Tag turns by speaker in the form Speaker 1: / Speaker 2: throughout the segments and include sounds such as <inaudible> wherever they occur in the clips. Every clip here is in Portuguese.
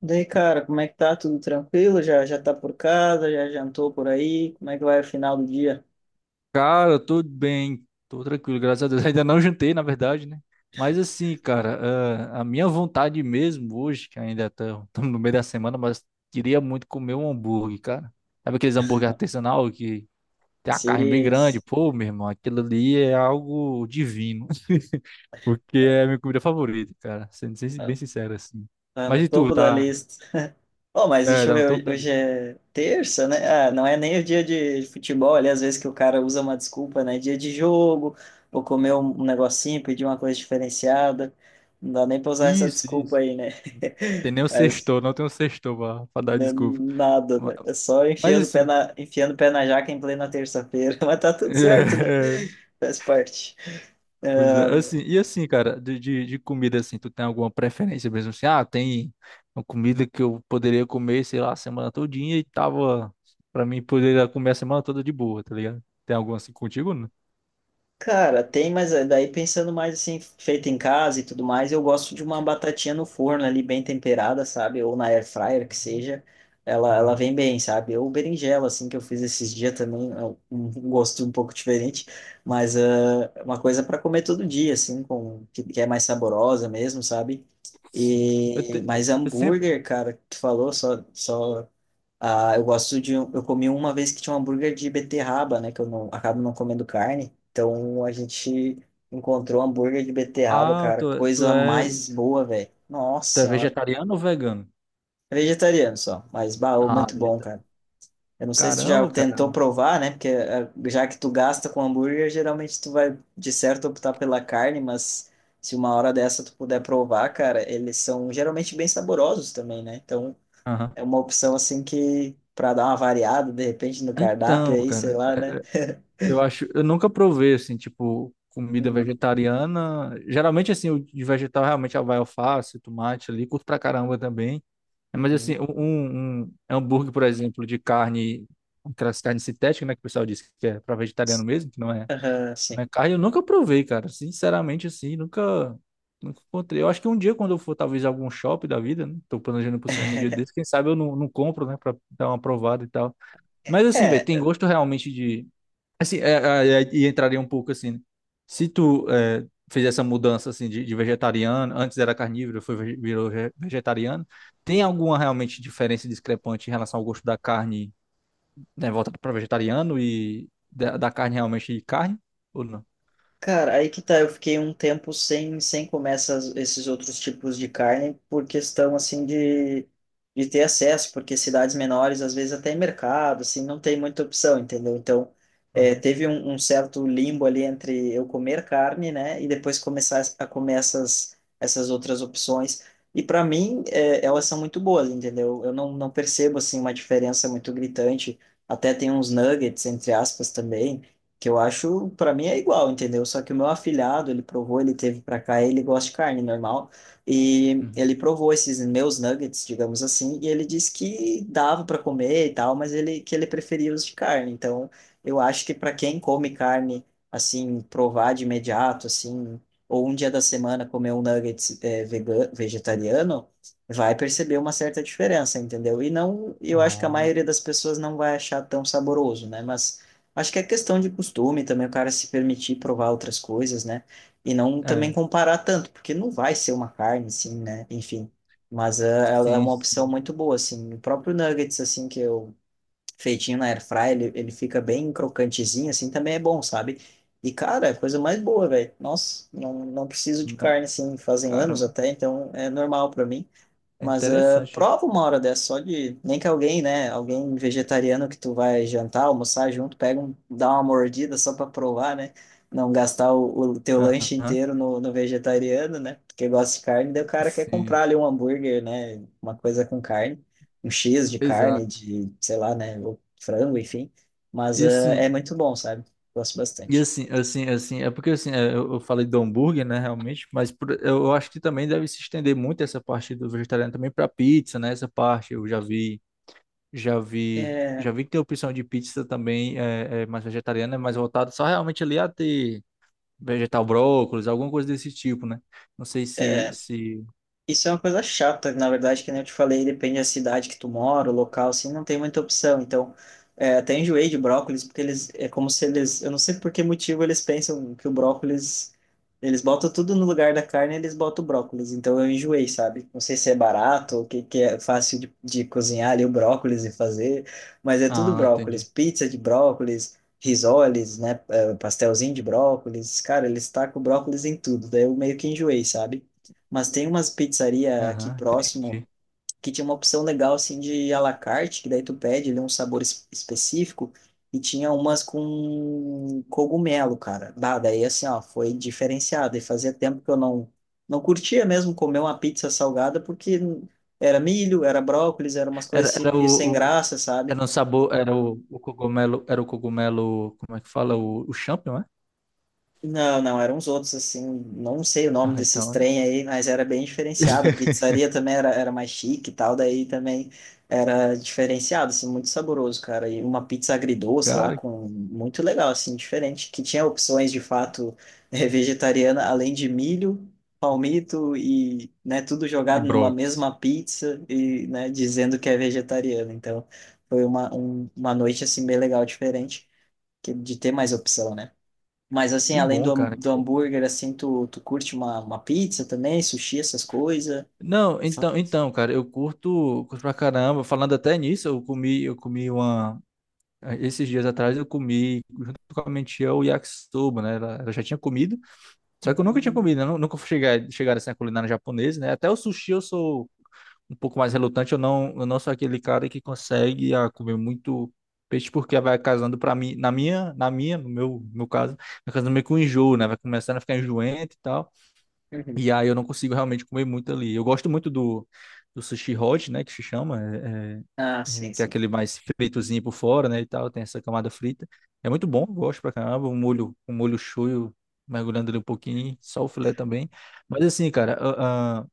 Speaker 1: Daí, cara, como é que tá? Tudo tranquilo? Já tá por casa? Já jantou por aí? Como é que vai o final do dia?
Speaker 2: Cara, tudo bem, tô tranquilo, graças a Deus. <laughs> Ainda não jantei, na verdade, né? Mas assim, cara, a minha vontade mesmo hoje, que ainda estamos no meio da semana, mas queria muito comer um hambúrguer, cara. Sabe aqueles hambúrguer artesanal que tem a carne bem
Speaker 1: Sim,
Speaker 2: grande? Pô, meu irmão, aquilo ali é algo divino, <laughs> porque é a minha comida favorita, cara, sendo
Speaker 1: tá
Speaker 2: bem sincero assim.
Speaker 1: tá
Speaker 2: Mas
Speaker 1: no
Speaker 2: e tu,
Speaker 1: topo da
Speaker 2: tá?
Speaker 1: lista. Oh, mas
Speaker 2: É,
Speaker 1: deixa eu
Speaker 2: tá no topo
Speaker 1: ver,
Speaker 2: da
Speaker 1: hoje
Speaker 2: lista.
Speaker 1: é terça, né? Ah, não é nem o dia de futebol, ali às vezes que o cara usa uma desculpa, né? Dia de jogo, vou comer um negocinho, pedir uma coisa diferenciada. Não dá nem pra usar essa
Speaker 2: Isso,
Speaker 1: desculpa
Speaker 2: isso.
Speaker 1: aí, né?
Speaker 2: Tem
Speaker 1: <laughs>
Speaker 2: nem o
Speaker 1: Mas
Speaker 2: sextou, não tem o sextou pra dar
Speaker 1: né,
Speaker 2: desculpa.
Speaker 1: nada,
Speaker 2: Ma-
Speaker 1: né? É só
Speaker 2: Mas
Speaker 1: enfiando o pé
Speaker 2: assim.
Speaker 1: na, enfiando o pé na jaca em plena terça-feira. <laughs> Mas tá tudo certo, né?
Speaker 2: É, <laughs>
Speaker 1: Faz parte.
Speaker 2: pois
Speaker 1: Ah,
Speaker 2: é, assim, e assim, cara, de comida, assim, tu tem alguma preferência mesmo, assim, tem uma comida que eu poderia comer, sei lá, a semana todinha e tava, pra mim, poderia comer a semana toda de boa, tá ligado? Tem alguma assim contigo, né?
Speaker 1: cara, tem, mas daí pensando mais assim, feita em casa e tudo mais, eu gosto de uma batatinha no forno ali, bem temperada, sabe? Ou na air fryer, que seja. Ela
Speaker 2: Hum,
Speaker 1: vem bem, sabe? Ou berinjela, assim, que eu fiz esses dias também, é um gosto um pouco diferente, mas ah, é uma coisa para comer todo dia, assim, com, que é mais saborosa mesmo, sabe?
Speaker 2: sim, eu,
Speaker 1: E,
Speaker 2: te-
Speaker 1: mas
Speaker 2: eu sempre,
Speaker 1: hambúrguer, cara, tu falou, só. Ah, eu gosto de. Eu comi uma vez que tinha um hambúrguer de beterraba, né? Que eu não, acabo não comendo carne. Então a gente encontrou hambúrguer de beterraba,
Speaker 2: ah,
Speaker 1: cara.
Speaker 2: tu, tu
Speaker 1: Coisa
Speaker 2: é,
Speaker 1: mais boa, velho. Nossa
Speaker 2: tu é
Speaker 1: senhora.
Speaker 2: vegetariano ou vegano?
Speaker 1: É vegetariano só, mas baú
Speaker 2: Ah,
Speaker 1: muito bom, cara.
Speaker 2: vegetariano,
Speaker 1: Eu não sei se tu já
Speaker 2: caramba,
Speaker 1: tentou
Speaker 2: caramba.
Speaker 1: provar, né? Porque já que tu gasta com hambúrguer, geralmente tu vai de certo optar pela carne, mas se uma hora dessa tu puder provar, cara, eles são geralmente bem saborosos também, né? Então
Speaker 2: Aham.
Speaker 1: é uma opção assim que para dar uma variada de repente no cardápio
Speaker 2: Então,
Speaker 1: aí, sei
Speaker 2: cara.
Speaker 1: lá, né?
Speaker 2: Eu acho, eu nunca provei assim, tipo, comida
Speaker 1: Uhum.
Speaker 2: vegetariana. Geralmente assim, o de vegetal realmente vai alface, tomate ali, curto pra caramba também. Mas assim,
Speaker 1: Uhum.
Speaker 2: um hambúrguer, por exemplo, de carne, aquelas carnes sintéticas, né, que o pessoal diz que é pra vegetariano mesmo, que não é,
Speaker 1: Aham, sim.
Speaker 2: não é carne, eu nunca provei, cara. Sinceramente assim, nunca encontrei. Eu acho que um dia quando eu for talvez a algum shopping da vida, né, tô planejando pro cinema um dia desse, quem
Speaker 1: <laughs>
Speaker 2: sabe eu não compro, né, pra dar uma provada e tal. Mas assim, velho,
Speaker 1: É,
Speaker 2: tem gosto realmente. Assim, e entraria um pouco assim, né? se tu é, fez essa mudança assim de vegetariano, antes era carnívoro, foi vege- virou ve- vegetariano, tem alguma realmente diferença discrepante em relação ao gosto da carne, né, voltada para vegetariano e da carne realmente de carne ou não?
Speaker 1: cara, aí que tá, eu fiquei um tempo sem, sem comer essas, esses outros tipos de carne por questão, assim, de ter acesso, porque cidades menores, às vezes até em mercado, assim, não tem muita opção, entendeu? Então, é,
Speaker 2: Aham,
Speaker 1: teve um, um certo limbo ali entre eu comer carne, né, e depois começar a comer essas, essas outras opções. E para mim, é, elas são muito boas, entendeu? Eu não, não percebo, assim, uma diferença muito gritante. Até tem uns nuggets, entre aspas, também, que eu acho, pra mim é igual, entendeu? Só que o meu afilhado, ele provou, ele teve pra cá, ele gosta de carne normal, e
Speaker 2: uhum.
Speaker 1: ele provou esses meus nuggets, digamos assim, e ele disse que dava pra comer e tal, mas ele que ele preferia os de carne. Então, eu acho que pra quem come carne, assim, provar de imediato, assim, ou um dia da semana comer um nugget é, vegano, vegetariano, vai perceber uma certa diferença, entendeu? E não, eu acho que a
Speaker 2: Oh,
Speaker 1: maioria das pessoas não vai achar tão saboroso, né? Mas acho que é questão de costume também, o cara se permitir provar outras coisas, né? E não também
Speaker 2: é.
Speaker 1: comparar tanto, porque não vai ser uma carne, assim, né? Enfim. Mas ela é
Speaker 2: Sim,
Speaker 1: uma opção
Speaker 2: sim.
Speaker 1: muito boa, assim. O próprio nuggets, assim, que eu feitinho na air fry, ele fica bem crocantezinho, assim, também é bom, sabe? E, cara, é a coisa mais boa, velho. Nossa, não, não preciso de
Speaker 2: Não,
Speaker 1: carne, assim, fazem anos
Speaker 2: caramba,
Speaker 1: até, então é normal pra mim.
Speaker 2: é
Speaker 1: Mas ah,
Speaker 2: interessante.
Speaker 1: prova uma hora dessa só de. Nem que alguém, né? Alguém vegetariano que tu vai jantar, almoçar junto, pega um, dá uma mordida só pra provar, né? Não gastar o teu lanche
Speaker 2: Aham,
Speaker 1: inteiro no, no vegetariano, né? Porque gosta de carne, daí o cara quer
Speaker 2: sim,
Speaker 1: comprar ali um hambúrguer, né? Uma coisa com carne, um X de carne,
Speaker 2: exato.
Speaker 1: de, sei lá, né? Ou frango, enfim. Mas
Speaker 2: E
Speaker 1: ah, é
Speaker 2: assim,
Speaker 1: muito bom, sabe? Gosto bastante.
Speaker 2: é porque assim, eu falei do hambúrguer, né, realmente, mas eu acho que também deve se estender muito essa parte do vegetariano também para pizza, né? Essa parte eu já vi, já vi,
Speaker 1: É,
Speaker 2: já vi que tem opção de pizza também é mais vegetariana, é mais voltada só realmente ali a ter vegetal brócolis, alguma coisa desse tipo, né? Não sei se...
Speaker 1: isso é uma coisa chata, na verdade, que nem eu te falei, depende da cidade que tu mora, o local, assim, não tem muita opção. Então, é, até enjoei de brócolis, porque eles, é como se eles, eu não sei por que motivo eles pensam que o brócolis, eles botam tudo no lugar da carne, eles botam o brócolis. Então, eu enjoei, sabe? Não sei se é barato, o que, que é fácil de cozinhar ali o brócolis e fazer, mas é tudo
Speaker 2: Ah,
Speaker 1: brócolis,
Speaker 2: entendi.
Speaker 1: pizza de brócolis, risoles, né, é, pastelzinho de brócolis. Cara, eles tacam brócolis em tudo, daí eu meio que enjoei, sabe? Mas tem umas pizzaria aqui
Speaker 2: Aham,
Speaker 1: próximo
Speaker 2: entendi.
Speaker 1: que tinha uma opção legal assim de à la carte, que daí tu pede ali um sabor específico e tinha umas com cogumelo, cara. Bah, daí assim, ó, foi diferenciado e fazia tempo que eu não não curtia mesmo comer uma pizza salgada porque era milho, era brócolis, era umas
Speaker 2: Era,
Speaker 1: coisas assim
Speaker 2: era
Speaker 1: meio sem graça,
Speaker 2: Era
Speaker 1: sabe?
Speaker 2: um sabor, era o cogumelo, era o cogumelo, como é que fala? O champignon, é?
Speaker 1: Não, não, eram uns outros assim, não sei o nome
Speaker 2: Ah,
Speaker 1: desses
Speaker 2: então.
Speaker 1: trem aí, mas era bem diferenciado. A
Speaker 2: <laughs>
Speaker 1: pizzaria também era, era mais chique e tal, daí também era diferenciado, assim, muito saboroso, cara. E uma pizza agridoce lá
Speaker 2: Cara,
Speaker 1: com muito legal, assim, diferente, que tinha opções de fato vegetariana, além de milho, palmito e, né, tudo
Speaker 2: que
Speaker 1: jogado numa
Speaker 2: brócolis.
Speaker 1: mesma pizza e, né, dizendo que é vegetariano. Então, foi uma, uma noite assim bem legal, diferente, que de ter mais opção, né? Mas assim,
Speaker 2: Que
Speaker 1: além do,
Speaker 2: bom, cara. Que
Speaker 1: do
Speaker 2: bom.
Speaker 1: hambúrguer, assim, tu, tu curte uma pizza também, sushi, essas coisas?
Speaker 2: Não, cara, curto pra caramba. Falando até nisso, eu comi uma. Esses dias atrás eu comi, junto com a minha tia, o yakisoba, né? Ela já tinha comido, só que eu nunca tinha
Speaker 1: Uhum.
Speaker 2: comido, né? Nunca fui chegar, assim, a culinária japonesa, né? Até o sushi eu sou um pouco mais relutante. Eu não sou aquele cara que consegue comer muito peixe porque vai casando para mim, na minha, no meu, no meu caso, vai casando meio com enjoo, né? Vai começando a ficar enjoente e tal.
Speaker 1: Uhum.
Speaker 2: E aí eu não consigo realmente comer muito ali. Eu gosto muito do sushi hot, né, que se chama,
Speaker 1: Ah, sim,
Speaker 2: que é
Speaker 1: sim.
Speaker 2: aquele mais fritozinho por fora, né, e tal, tem essa camada frita. É muito bom, eu gosto pra caramba, um molho shoyu mergulhando ali um pouquinho, só o filé também. Mas assim, cara,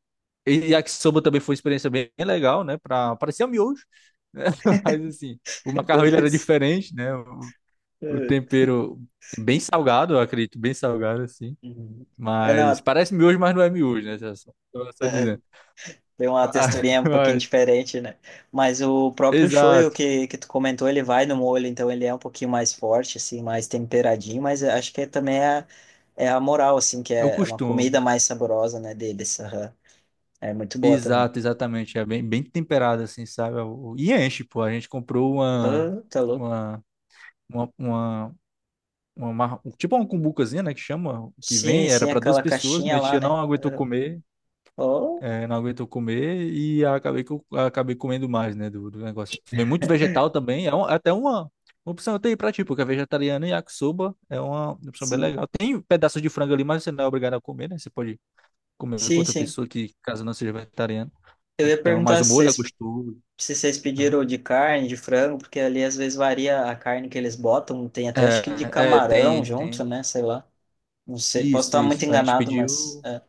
Speaker 2: e yakisoba também foi uma experiência bem legal, né? Parecia miojo, né? <laughs> Mas assim, o
Speaker 1: <laughs> É
Speaker 2: macarrão
Speaker 1: bem
Speaker 2: ele era
Speaker 1: isso.
Speaker 2: diferente, né? O
Speaker 1: É.
Speaker 2: tempero bem salgado, eu acredito, bem salgado, assim.
Speaker 1: Uhum. É,
Speaker 2: Mas
Speaker 1: não,
Speaker 2: parece miojo, mas não é miojo, né? Só dizendo.
Speaker 1: tem uma
Speaker 2: <laughs>
Speaker 1: texturinha um pouquinho
Speaker 2: Mas-
Speaker 1: diferente, né? Mas o próprio shoyu
Speaker 2: Exato.
Speaker 1: que tu comentou, ele vai no molho, então ele é um pouquinho mais forte, assim, mais temperadinho, mas eu acho que é também é, é a moral, assim, que
Speaker 2: É o
Speaker 1: é uma
Speaker 2: costume.
Speaker 1: comida mais saborosa, né, deles. Aham. É muito boa também.
Speaker 2: Exato, exatamente. É bem, bem temperado, assim, sabe? E enche, pô. A gente comprou
Speaker 1: Ah, tá louco.
Speaker 2: uma, uma, uma- tipo uma cumbucazinha, né, que chama, que
Speaker 1: Sim,
Speaker 2: vem, era
Speaker 1: sim,
Speaker 2: para duas
Speaker 1: aquela
Speaker 2: pessoas,
Speaker 1: caixinha
Speaker 2: minha
Speaker 1: lá,
Speaker 2: tia não
Speaker 1: né?
Speaker 2: aguentou
Speaker 1: Eu-
Speaker 2: comer,
Speaker 1: Oh,
Speaker 2: não aguentou comer e acabei, acabei comendo mais, né, do negócio. Vem muito vegetal também, é é até uma opção até aí pra ti, porque é vegetariano e yakisoba é uma opção bem
Speaker 1: sim.
Speaker 2: legal. Tem pedaços de frango ali, mas você não é obrigado a comer, né? Você pode comer com
Speaker 1: Sim,
Speaker 2: outra
Speaker 1: sim.
Speaker 2: pessoa que, caso não seja vegetariano.
Speaker 1: Eu ia
Speaker 2: Então, mas
Speaker 1: perguntar
Speaker 2: o
Speaker 1: se
Speaker 2: molho é
Speaker 1: vocês,
Speaker 2: gostoso.
Speaker 1: se vocês
Speaker 2: Aham.
Speaker 1: pediram de carne, de frango, porque ali às vezes varia a carne que eles botam. Tem até acho que de
Speaker 2: É, é,
Speaker 1: camarão
Speaker 2: tem,
Speaker 1: junto,
Speaker 2: tem.
Speaker 1: né? Sei lá. Não sei. Posso
Speaker 2: Isso,
Speaker 1: estar muito
Speaker 2: isso. A gente
Speaker 1: enganado, mas.
Speaker 2: pediu.
Speaker 1: É.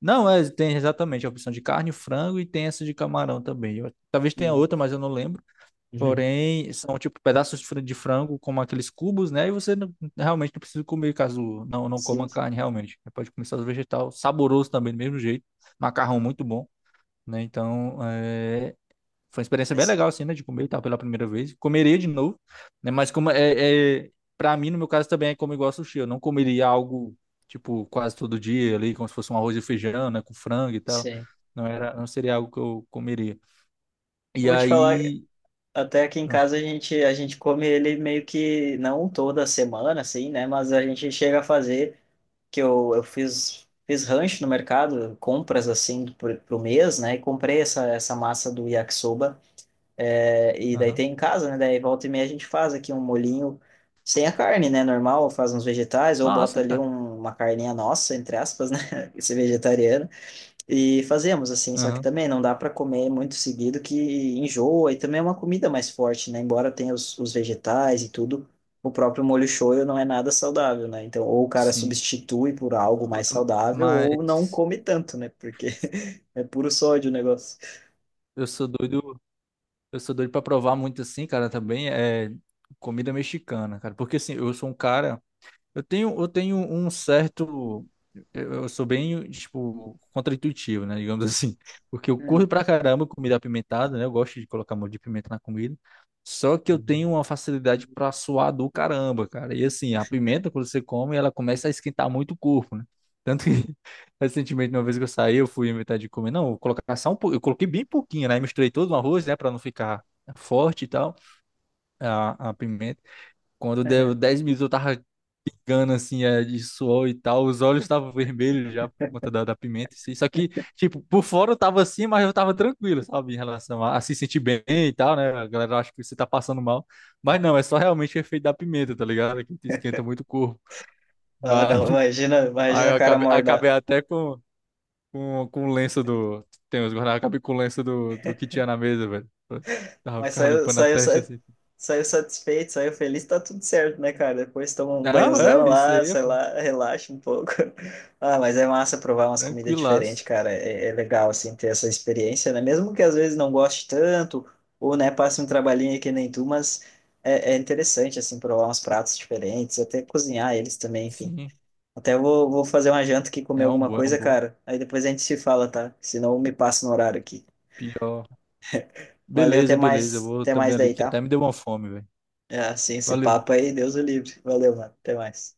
Speaker 2: Não, é, tem exatamente a opção de carne, frango e tem essa de camarão também. Talvez tenha
Speaker 1: Hum.
Speaker 2: outra, mas eu não lembro.
Speaker 1: Uhum.
Speaker 2: Porém, são tipo pedaços de de frango, como aqueles cubos, né? E você realmente não precisa comer caso não,
Speaker 1: <laughs>
Speaker 2: não
Speaker 1: Sim,
Speaker 2: coma carne, realmente. Você pode comer só os vegetal, saboroso também, do mesmo jeito. Macarrão muito bom, né? Então, foi uma experiência bem
Speaker 1: mas.
Speaker 2: legal, assim, né? De comer, e tal pela primeira vez. Comeria de novo, né? Mas como é... Pra mim, no meu caso, também é como igual sushi. Eu não comeria algo, tipo, quase todo dia ali, como se fosse um arroz e feijão, né? Com frango e tal.
Speaker 1: Sim.
Speaker 2: Não era, não seria algo que eu comeria.
Speaker 1: Eu
Speaker 2: E
Speaker 1: vou te falar,
Speaker 2: aí...
Speaker 1: até aqui em
Speaker 2: ah,
Speaker 1: casa a gente come ele meio que não toda semana, assim, né? Mas a gente chega a fazer. Que eu fiz, fiz rancho no mercado, compras assim pro, pro mês, né? E comprei essa, essa massa do yakisoba. É, e daí
Speaker 2: Aham.
Speaker 1: tem em casa, né? Daí volta e meia a gente faz aqui um molhinho sem a carne, né? Normal, faz uns vegetais ou bota
Speaker 2: Massa,
Speaker 1: ali
Speaker 2: cara.
Speaker 1: uma carninha nossa, entre aspas, né? <laughs> Esse vegetariano. E fazemos assim, só que
Speaker 2: Aham,
Speaker 1: também não dá para comer muito seguido que enjoa e também é uma comida mais forte, né? Embora tenha os vegetais e tudo, o próprio molho shoyu não é nada saudável, né? Então, ou o cara
Speaker 2: sim.
Speaker 1: substitui por algo mais saudável ou não
Speaker 2: Mas
Speaker 1: come tanto, né? Porque <laughs> é puro sódio o negócio.
Speaker 2: eu sou doido, eu sou doido pra provar muito assim, cara, também é comida mexicana, cara. Porque assim, eu sou um cara. Eu tenho um certo. Eu sou bem, tipo, contraintuitivo, né? Digamos <laughs> assim. Porque eu
Speaker 1: Hum.
Speaker 2: curto pra caramba comida apimentada, né? Eu gosto de colocar molho de pimenta na comida. Só que eu
Speaker 1: Uhum.
Speaker 2: tenho uma facilidade pra suar do caramba, cara. E assim, a pimenta, quando você come, ela começa a esquentar muito o corpo, né? Tanto que, <laughs> recentemente, uma vez que eu saí, eu fui inventar de comer. Não, eu colocar só um pouco. Eu coloquei bem pouquinho, né? Misturei todo no arroz, né? Pra não ficar forte e tal, a pimenta. Quando deu 10 minutos, eu tava gana, assim, de suor e tal. Os olhos estavam vermelhos já por conta da pimenta. Assim. Só que, tipo, por fora eu tava assim, mas eu tava tranquilo, sabe? Em relação a se sentir bem e tal, né? A galera acha que você tá passando mal. Mas não, é só realmente o efeito da pimenta, tá ligado? Que te esquenta muito o corpo.
Speaker 1: Ah,
Speaker 2: Mas
Speaker 1: não,
Speaker 2: <laughs>
Speaker 1: imagina,
Speaker 2: aí
Speaker 1: imagina o cara morda,
Speaker 2: acabei até com o lenço do. Tem os guardanapos, acabei com o lenço do que tinha na mesa, velho. Tava
Speaker 1: mas
Speaker 2: ficava
Speaker 1: saiu,
Speaker 2: limpando a
Speaker 1: saiu,
Speaker 2: testa assim.
Speaker 1: saiu satisfeito, saiu feliz, tá tudo certo, né, cara? Depois toma um
Speaker 2: Não,
Speaker 1: banhozão
Speaker 2: é, isso
Speaker 1: lá,
Speaker 2: aí, é,
Speaker 1: sei
Speaker 2: pô.
Speaker 1: lá, relaxa um pouco. <laughs> Ah, mas é massa provar umas comidas diferentes,
Speaker 2: Tranquilaço.
Speaker 1: cara. É, é legal, assim, ter essa experiência, né? Mesmo que às vezes não goste tanto, ou, né, passe um trabalhinho que nem tu, mas é, é interessante, assim, provar uns pratos diferentes, até cozinhar eles também, enfim.
Speaker 2: Sim,
Speaker 1: Até vou, vou fazer uma janta aqui, comer alguma
Speaker 2: é um
Speaker 1: coisa,
Speaker 2: bom.
Speaker 1: cara. Aí depois a gente se fala, tá? Senão eu me passo no horário aqui.
Speaker 2: Pior.
Speaker 1: Valeu,
Speaker 2: Beleza, beleza. Eu vou
Speaker 1: até
Speaker 2: também
Speaker 1: mais
Speaker 2: ali
Speaker 1: daí,
Speaker 2: que até
Speaker 1: tá?
Speaker 2: me deu uma fome, velho.
Speaker 1: É, assim, esse
Speaker 2: Valeu.
Speaker 1: papo aí, Deus o livre. Valeu, mano. Até mais.